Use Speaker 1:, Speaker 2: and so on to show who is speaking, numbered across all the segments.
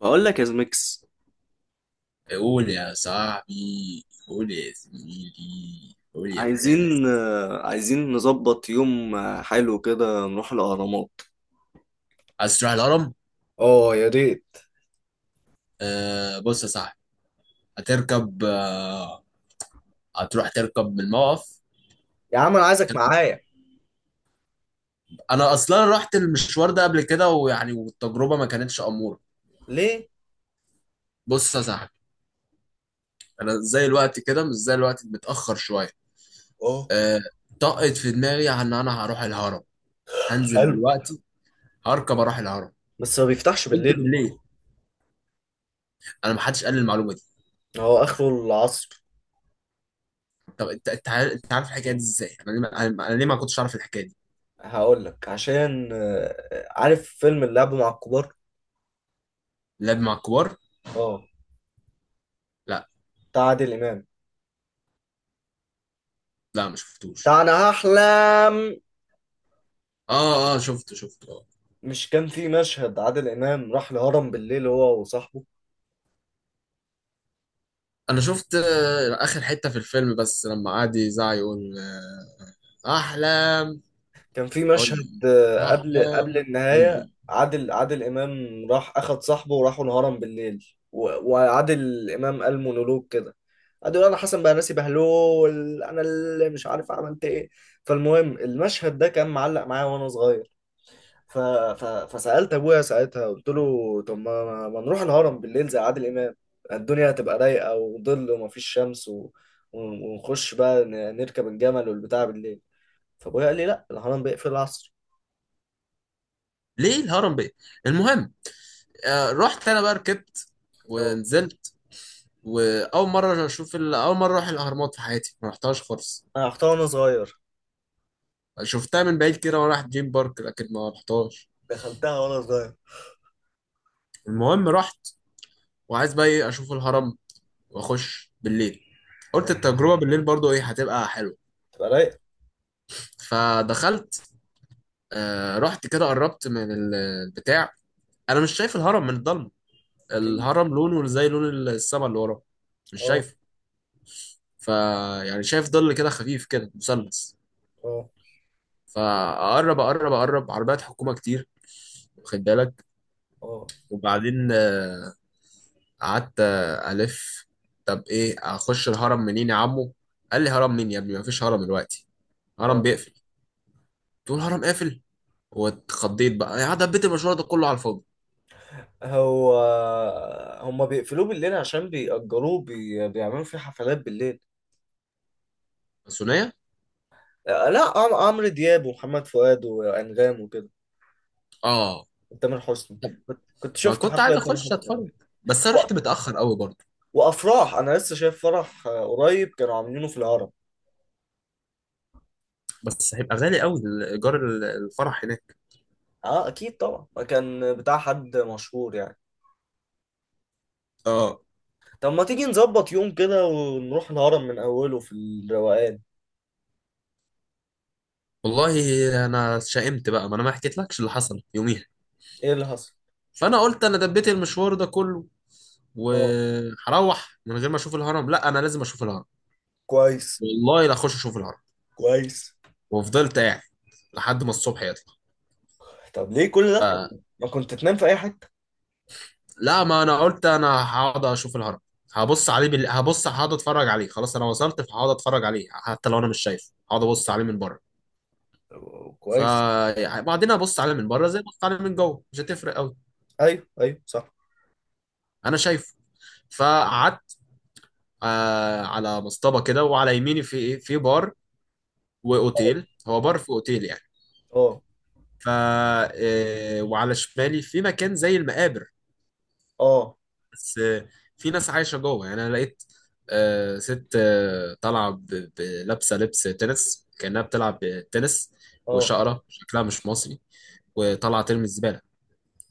Speaker 1: بقول لك يا زميكس.
Speaker 2: قول يا صاحبي، قول يا زميلي، قول يا برنس.
Speaker 1: عايزين عايزين نظبط يوم، حلو كده نروح الأهرامات.
Speaker 2: عايز تروح الهرم؟
Speaker 1: اه، يا ريت.
Speaker 2: آه بص يا صاحبي، هتركب آه، هتروح تركب من الموقف،
Speaker 1: يا عم، انا عايزك
Speaker 2: هتركب.
Speaker 1: معايا.
Speaker 2: انا اصلا رحت المشوار ده قبل كده ويعني والتجربه ما كانتش اموره.
Speaker 1: ليه؟
Speaker 2: بص يا صاحبي، انا زي الوقت كده مش زي الوقت، متاخر شويه.
Speaker 1: اه.
Speaker 2: آه، طقت في دماغي ان انا هروح الهرم، هنزل
Speaker 1: حلو.
Speaker 2: دلوقتي هركب اروح الهرم.
Speaker 1: بس ما بيفتحش
Speaker 2: قلت
Speaker 1: بالليل.
Speaker 2: بالليل؟ انا ما حدش قال لي المعلومه دي.
Speaker 1: هو اخره العصر.
Speaker 2: طب انت، انت عارف الحكايه دي ازاي؟ انا ليه انا ليه ما كنتش اعرف الحكايه دي؟
Speaker 1: هقول لك عشان، عارف فيلم اللعب مع الكبار؟
Speaker 2: لعب مع الكبار؟
Speaker 1: اه.
Speaker 2: لا،
Speaker 1: بتاع عادل امام.
Speaker 2: لا ما شفتوش.
Speaker 1: بتاع انا هحلم.
Speaker 2: اه اه، شفته اه.
Speaker 1: مش كان في مشهد عادل امام راح الهرم بالليل هو وصاحبه؟
Speaker 2: انا شفت اخر حته في الفيلم بس لما قعد يزعق يقول احلام.
Speaker 1: كان في مشهد،
Speaker 2: اي،
Speaker 1: قبل
Speaker 2: احلام.
Speaker 1: النهاية،
Speaker 2: اي.
Speaker 1: عادل إمام راح أخد صاحبه وراحوا الهرم بالليل. وعادل إمام قال مونولوج كده، قعد يقول: أنا حسن بقى ناسي بهلول، أنا اللي مش عارف عملت إيه. فالمهم، المشهد ده كان معلق معايا وأنا صغير. ف... فسألت أبويا ساعتها، قلت له: طب ما... ما ما نروح الهرم بالليل زي عادل إمام، الدنيا هتبقى رايقة وظل ومفيش شمس، ونخش بقى نركب الجمل والبتاع بالليل. فأبويا قال لي: لأ، الهرم بيقفل العصر.
Speaker 2: ليه الهرم بيه؟ المهم، آه رحت انا بقى، ركبت
Speaker 1: اه.
Speaker 2: ونزلت. واول مره اشوف اول مره اروح الاهرامات في حياتي، ما رحتهاش خالص.
Speaker 1: انا رحتها وانا صغير.
Speaker 2: شفتها من بعيد كده وانا رايح دريم بارك، لكن ما رحتهاش.
Speaker 1: دخلتها وانا صغير.
Speaker 2: المهم رحت، وعايز بقى ايه اشوف الهرم واخش بالليل. قلت
Speaker 1: كويس.
Speaker 2: التجربه بالليل برضو ايه، هتبقى حلوه.
Speaker 1: تبقى رايق.
Speaker 2: فدخلت. آه رحت كده قربت من البتاع. انا مش شايف الهرم من الضلمه،
Speaker 1: اكيد.
Speaker 2: الهرم لونه زي لون السما اللي وراه، مش
Speaker 1: اه،
Speaker 2: شايفه. ف، يعني شايف ظل كده خفيف كده مثلث.
Speaker 1: اه،
Speaker 2: فاقرب اقرب اقرب، عربيات حكومه كتير. واخد بالك؟
Speaker 1: اه،
Speaker 2: وبعدين قعدت الف. طب ايه، اخش الهرم منين يا عمو؟ قال لي هرم مين يا ابني، مفيش هرم دلوقتي، هرم
Speaker 1: اه.
Speaker 2: بيقفل. تقول الهرم قافل! واتخضيت بقى، يعني دبيت المشوار ده كله على الفاضي.
Speaker 1: هو، هما بيقفلوه بالليل عشان بيأجروه، بيعملوا فيه حفلات بالليل.
Speaker 2: الثنائيه،
Speaker 1: لا، عمرو دياب ومحمد فؤاد وأنغام وكده.
Speaker 2: اه.
Speaker 1: وتامر حسني.
Speaker 2: طب
Speaker 1: كنت
Speaker 2: ما
Speaker 1: شفت
Speaker 2: كنت
Speaker 1: حفلة
Speaker 2: عايز
Speaker 1: لتامر
Speaker 2: اخش
Speaker 1: حسني.
Speaker 2: اتفرج، بس انا
Speaker 1: و...
Speaker 2: رحت متاخر قوي برضه.
Speaker 1: وأفراح، أنا لسه شايف فرح قريب كانوا عاملينه في الهرم.
Speaker 2: بس هيبقى غالي قوي، ايجار الفرح هناك.
Speaker 1: اه، اكيد طبعا كان بتاع حد مشهور يعني.
Speaker 2: اه.
Speaker 1: طب ما تيجي نظبط يوم كده ونروح الهرم من أوله في الروقان.
Speaker 2: والله، انا شائمت بقى، ما انا ما حكيتلكش اللي حصل يوميها.
Speaker 1: إيه اللي حصل؟
Speaker 2: فانا قلت انا دبيت المشوار ده كله
Speaker 1: اه.
Speaker 2: وهروح من غير ما اشوف الهرم؟ لا، انا لازم اشوف الهرم.
Speaker 1: كويس.
Speaker 2: والله لا اخش اشوف الهرم.
Speaker 1: كويس.
Speaker 2: وفضلت قاعد لحد ما الصبح يطلع.
Speaker 1: طب ليه كل ده؟ ما كنت تنام في أي حتة.
Speaker 2: لا، ما انا قلت انا هقعد اشوف الهرم، هبص عليه هبص هقعد اتفرج عليه، خلاص انا وصلت، فهقعد اتفرج عليه حتى لو انا مش شايفه. هقعد ابص عليه من بره.
Speaker 1: كويس.
Speaker 2: فبعدين ابص عليه من بره زي ما ابص عليه من جوه، مش هتفرق قوي،
Speaker 1: أيوه، أيوه، صح.
Speaker 2: انا شايفه. فقعدت آه على مصطبه كده، وعلى يميني في ايه، في بار واوتيل، هو بار في اوتيل يعني.
Speaker 1: اه،
Speaker 2: ف وعلى شمالي في مكان زي المقابر،
Speaker 1: اه،
Speaker 2: بس في ناس عايشه جوه يعني. انا لقيت ست طالعه لابسه لبس تنس، كانها بتلعب تنس،
Speaker 1: اه.
Speaker 2: وشقره شكلها مش مصري، وطالعه ترمي الزباله،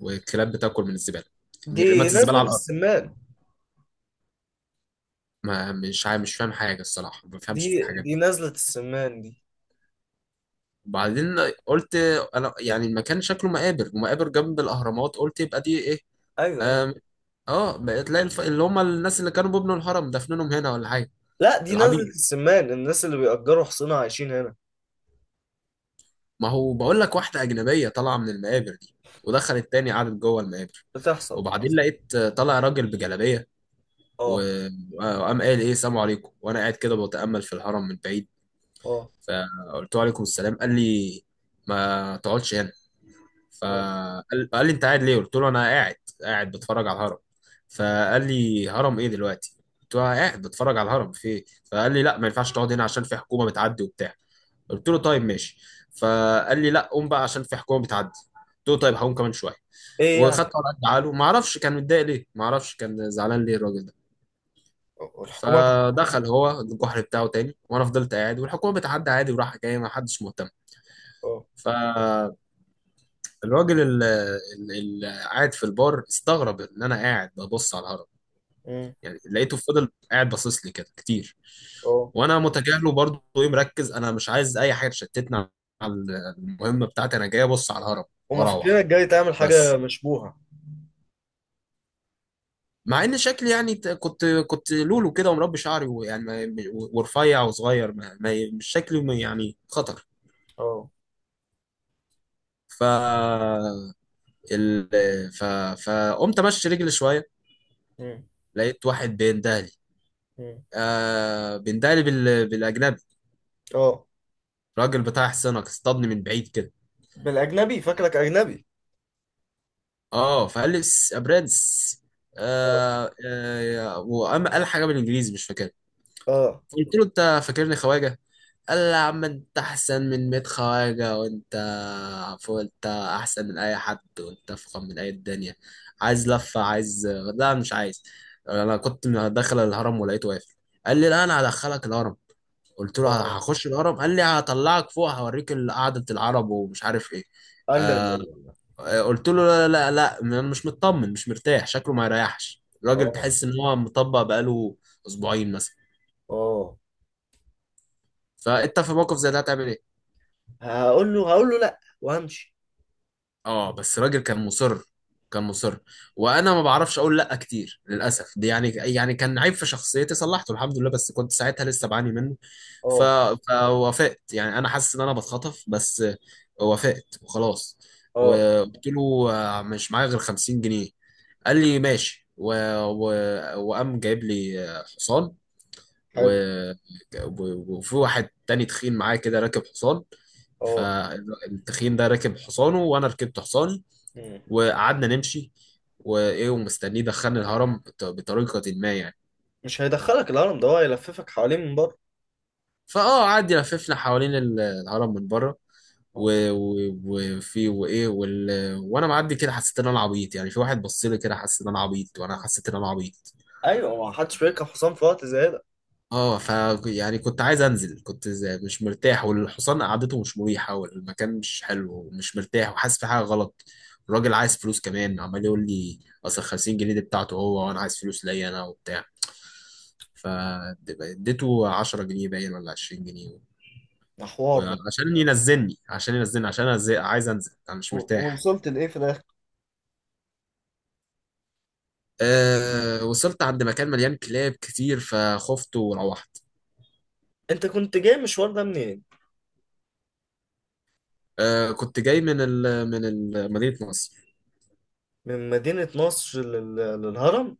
Speaker 2: والكلاب بتاكل من الزباله.
Speaker 1: دي
Speaker 2: رمت الزباله
Speaker 1: نزلة
Speaker 2: على الارض.
Speaker 1: السمان.
Speaker 2: ما مش مش فاهم حاجه الصراحه، ما
Speaker 1: دي
Speaker 2: بفهمش في الحاجات
Speaker 1: دي
Speaker 2: دي.
Speaker 1: نزلة السمان دي.
Speaker 2: وبعدين قلت انا يعني المكان شكله مقابر، ومقابر جنب الاهرامات، قلت يبقى دي ايه.
Speaker 1: ايوه، ايوه.
Speaker 2: آم، اه بقى، تلاقي اللي هم الناس اللي كانوا بيبنوا الهرم دفنهم هنا ولا حاجه،
Speaker 1: لا، دي نزلة
Speaker 2: العبيد.
Speaker 1: السمان، الناس اللي بيأجروا حصنة عايشين هنا.
Speaker 2: ما هو بقول لك واحدة أجنبية طالعة من المقابر دي، ودخلت تاني قعدت جوه المقابر.
Speaker 1: بتحصل،
Speaker 2: وبعدين
Speaker 1: بتحصل.
Speaker 2: لقيت طالع راجل بجلابية،
Speaker 1: اه،
Speaker 2: وقام قال إيه السلام عليكم، وأنا قاعد كده بتأمل في الهرم من بعيد.
Speaker 1: اه،
Speaker 2: فقلت له عليكم السلام. قال لي ما تقعدش هنا.
Speaker 1: اه.
Speaker 2: قال لي أنت قاعد ليه؟ قلت له أنا قاعد، قاعد بتفرج على الهرم. فقال لي هرم إيه دلوقتي؟ قلت له أنا قاعد بتفرج على الهرم، في إيه؟ فقال لي لا، ما ينفعش تقعد هنا عشان في حكومة بتعدي وبتاع. قلت له طيب ماشي. فقال لي لا، قوم بقى عشان في حكومه بتعدي. قلت له طيب هقوم كمان شويه.
Speaker 1: ايه يعني.
Speaker 2: وخدت ورقه عاله، ما اعرفش كان متضايق ليه، ما اعرفش كان زعلان ليه الراجل ده.
Speaker 1: الحكومة.
Speaker 2: فدخل هو الجحر بتاعه تاني، وانا فضلت قاعد، والحكومه بتعدي عادي، وراح جاي، ما حدش مهتم.
Speaker 1: اه.
Speaker 2: فالراجل اللي قاعد في البار استغرب ان انا قاعد ببص على الهرم،
Speaker 1: مم.
Speaker 2: يعني لقيته فضل قاعد باصص لي كده كتير،
Speaker 1: اه.
Speaker 2: وانا متجاهله برضه، ايه مركز، انا مش عايز اي حاجه تشتتني عن المهمه بتاعتي. انا جاي ابص على الهرم
Speaker 1: هما فاكرينك
Speaker 2: واروح،
Speaker 1: جاي تعمل حاجة
Speaker 2: بس.
Speaker 1: مشبوهة.
Speaker 2: مع ان شكلي يعني كنت لولو كده ومربي شعري ويعني ورفيع وصغير مش شكلي يعني خطر.
Speaker 1: اه.
Speaker 2: ف ال... ف فقمت امشي رجلي شويه.
Speaker 1: مم.
Speaker 2: لقيت واحد بيندهلي،
Speaker 1: مم.
Speaker 2: آه بيندهلي بالاجنبي.
Speaker 1: اه.
Speaker 2: راجل بتاع حصانك، اصطادني من بعيد كده.
Speaker 1: بالاجنبي فاكرك اجنبي.
Speaker 2: اه فقال لي يا برنس،
Speaker 1: اه،
Speaker 2: آه آه، وقام قال حاجه بالانجليزي مش فاكرها.
Speaker 1: اه،
Speaker 2: قلت له انت فاكرني خواجه؟ قال لي يا عم انت احسن من 100 خواجه، وانت عفوا انت احسن من اي حد، وانت افخم من اي الدنيا. عايز لفه؟ عايز؟ لا مش عايز. انا كنت داخل الهرم ولقيته واقف، قال لي لا انا هدخلك الهرم. قلت له
Speaker 1: اه.
Speaker 2: هخش الهرم. قال لي هطلعك فوق هوريك قعده العرب ومش عارف ايه.
Speaker 1: قال: لا، لا،
Speaker 2: آه،
Speaker 1: لا، لا.
Speaker 2: قلت له لا لا لا، انا مش مطمن، مش مرتاح، شكله ما يريحش الراجل،
Speaker 1: اه،
Speaker 2: تحس ان هو مطبق بقاله اسبوعين مثلا.
Speaker 1: اه.
Speaker 2: فانت في موقف زي ده هتعمل ايه؟
Speaker 1: هقول له: لا، وهمشي.
Speaker 2: اه، بس راجل كان مصر، كان مصر، وانا ما بعرفش اقول لا كتير للاسف، دي يعني يعني كان عيب في شخصيتي صلحته الحمد لله، بس كنت ساعتها لسه بعاني منه. ف...
Speaker 1: اه،
Speaker 2: فوافقت، يعني انا حاسس ان انا بتخطف، بس وافقت وخلاص.
Speaker 1: اه.
Speaker 2: وقلت له مش معايا غير 50 جنيه. قال لي ماشي و... وقام جايب لي حصان و...
Speaker 1: حلو.
Speaker 2: وفي واحد تاني تخين معايا كده راكب حصان.
Speaker 1: اه.
Speaker 2: فالتخين ده راكب حصانه، وانا ركبت حصاني،
Speaker 1: مم.
Speaker 2: وقعدنا نمشي. وايه ومستنيه دخلني الهرم بطريقه ما يعني.
Speaker 1: مش هيدخلك الهرم ده، هو هيلففك حواليه من بره.
Speaker 2: فاه قعد يلففنا حوالين الهرم من بره،
Speaker 1: اه.
Speaker 2: و- و- وفي وايه وانا معدي كده حسيت ان انا عبيط، يعني في واحد بص لي كده حسيت ان انا عبيط، وانا حسيت ان انا عبيط.
Speaker 1: ايوه، ما حدش بيركب حصان في وقت زي ده.
Speaker 2: اه ف يعني كنت عايز انزل، مش مرتاح، والحصان قعدته مش مريحه، والمكان مش حلو، ومش مرتاح، وحاسس في حاجه غلط. الراجل عايز فلوس كمان، عمال يقول لي اصل 50 جنيه دي بتاعته هو، وانا عايز فلوس ليا انا وبتاع. فاديته 10 جنيه باين ولا 20 جنيه،
Speaker 1: ده حوار ده.
Speaker 2: وعشان ينزلني عشان ينزلني عشان أنزل- عايز انزل، انا مش مرتاح.
Speaker 1: ووصلت لإيه في الآخر؟
Speaker 2: أه وصلت عند مكان مليان كلاب كتير، فخفت وروحت.
Speaker 1: انت كنت جاي مشوار ده منين؟
Speaker 2: أه كنت جاي من ال مدينة نصر.
Speaker 1: من مدينة نصر للهرم.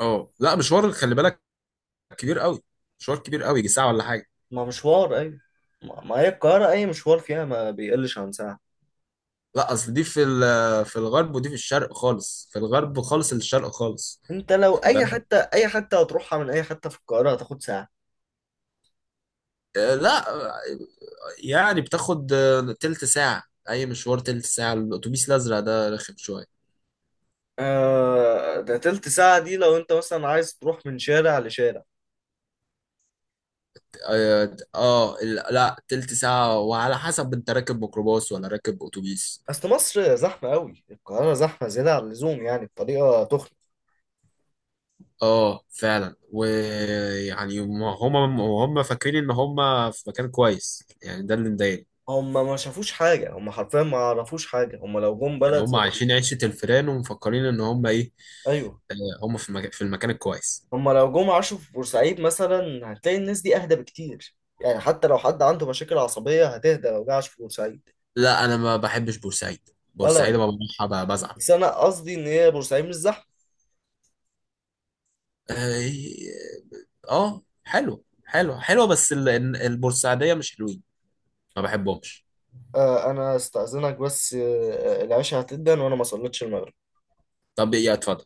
Speaker 2: اه لا مشوار، خلي بالك، كبير قوي، مشوار كبير قوي، يجي ساعة ولا حاجة.
Speaker 1: ما مشوار، ايوه. ما هي القاهرة، أي مشوار فيها ما بيقلش عن ساعة.
Speaker 2: لا اصل دي في في الغرب، ودي في الشرق خالص، في الغرب خالص، الشرق خالص.
Speaker 1: أنت لو
Speaker 2: خد
Speaker 1: أي
Speaker 2: بالك.
Speaker 1: حتة أي حتة هتروحها من أي حتة في القاهرة هتاخد ساعة.
Speaker 2: أه لا، يعني بتاخد تلت ساعة. أي مشوار تلت ساعة، الأتوبيس الأزرق ده رخم شوية.
Speaker 1: ده تلت ساعة دي لو أنت مثلا عايز تروح من شارع لشارع.
Speaker 2: لا تلت ساعة، وعلى حسب أنت راكب ميكروباص ولا راكب أتوبيس.
Speaker 1: أصل مصر زحمة أوي، القاهرة زحمة زيادة عن اللزوم، يعني بطريقة تخنق.
Speaker 2: آه فعلا، ويعني هم فاكرين إن هم في مكان كويس، يعني ده اللي مضايقني.
Speaker 1: هما ما شافوش حاجة، هما حرفيا ما يعرفوش حاجة، هما لو جم
Speaker 2: يعني
Speaker 1: بلد
Speaker 2: هم
Speaker 1: زي.
Speaker 2: عايشين عيشة الفيران، ومفكرين إن هم إيه،
Speaker 1: أيوه.
Speaker 2: هم في المكان، الكويس.
Speaker 1: هما لو جم عاشوا في بورسعيد مثلا هتلاقي الناس دي أهدى بكتير. يعني حتى لو حد عنده مشاكل عصبية هتهدى لو جه عاش في بورسعيد.
Speaker 2: لا أنا ما بحبش بورسعيد، بورسعيد
Speaker 1: ولا.
Speaker 2: ما بروحها بزعل.
Speaker 1: بس انا قصدي ان هي بورسعيد مش زحمه.
Speaker 2: آه، اه حلو حلو حلو، بس البورسعيدية مش حلوين، ما بحبهمش.
Speaker 1: انا استاذنك بس، العشاء هتدن وانا ما صليتش المغرب.
Speaker 2: طب يا اتفضل.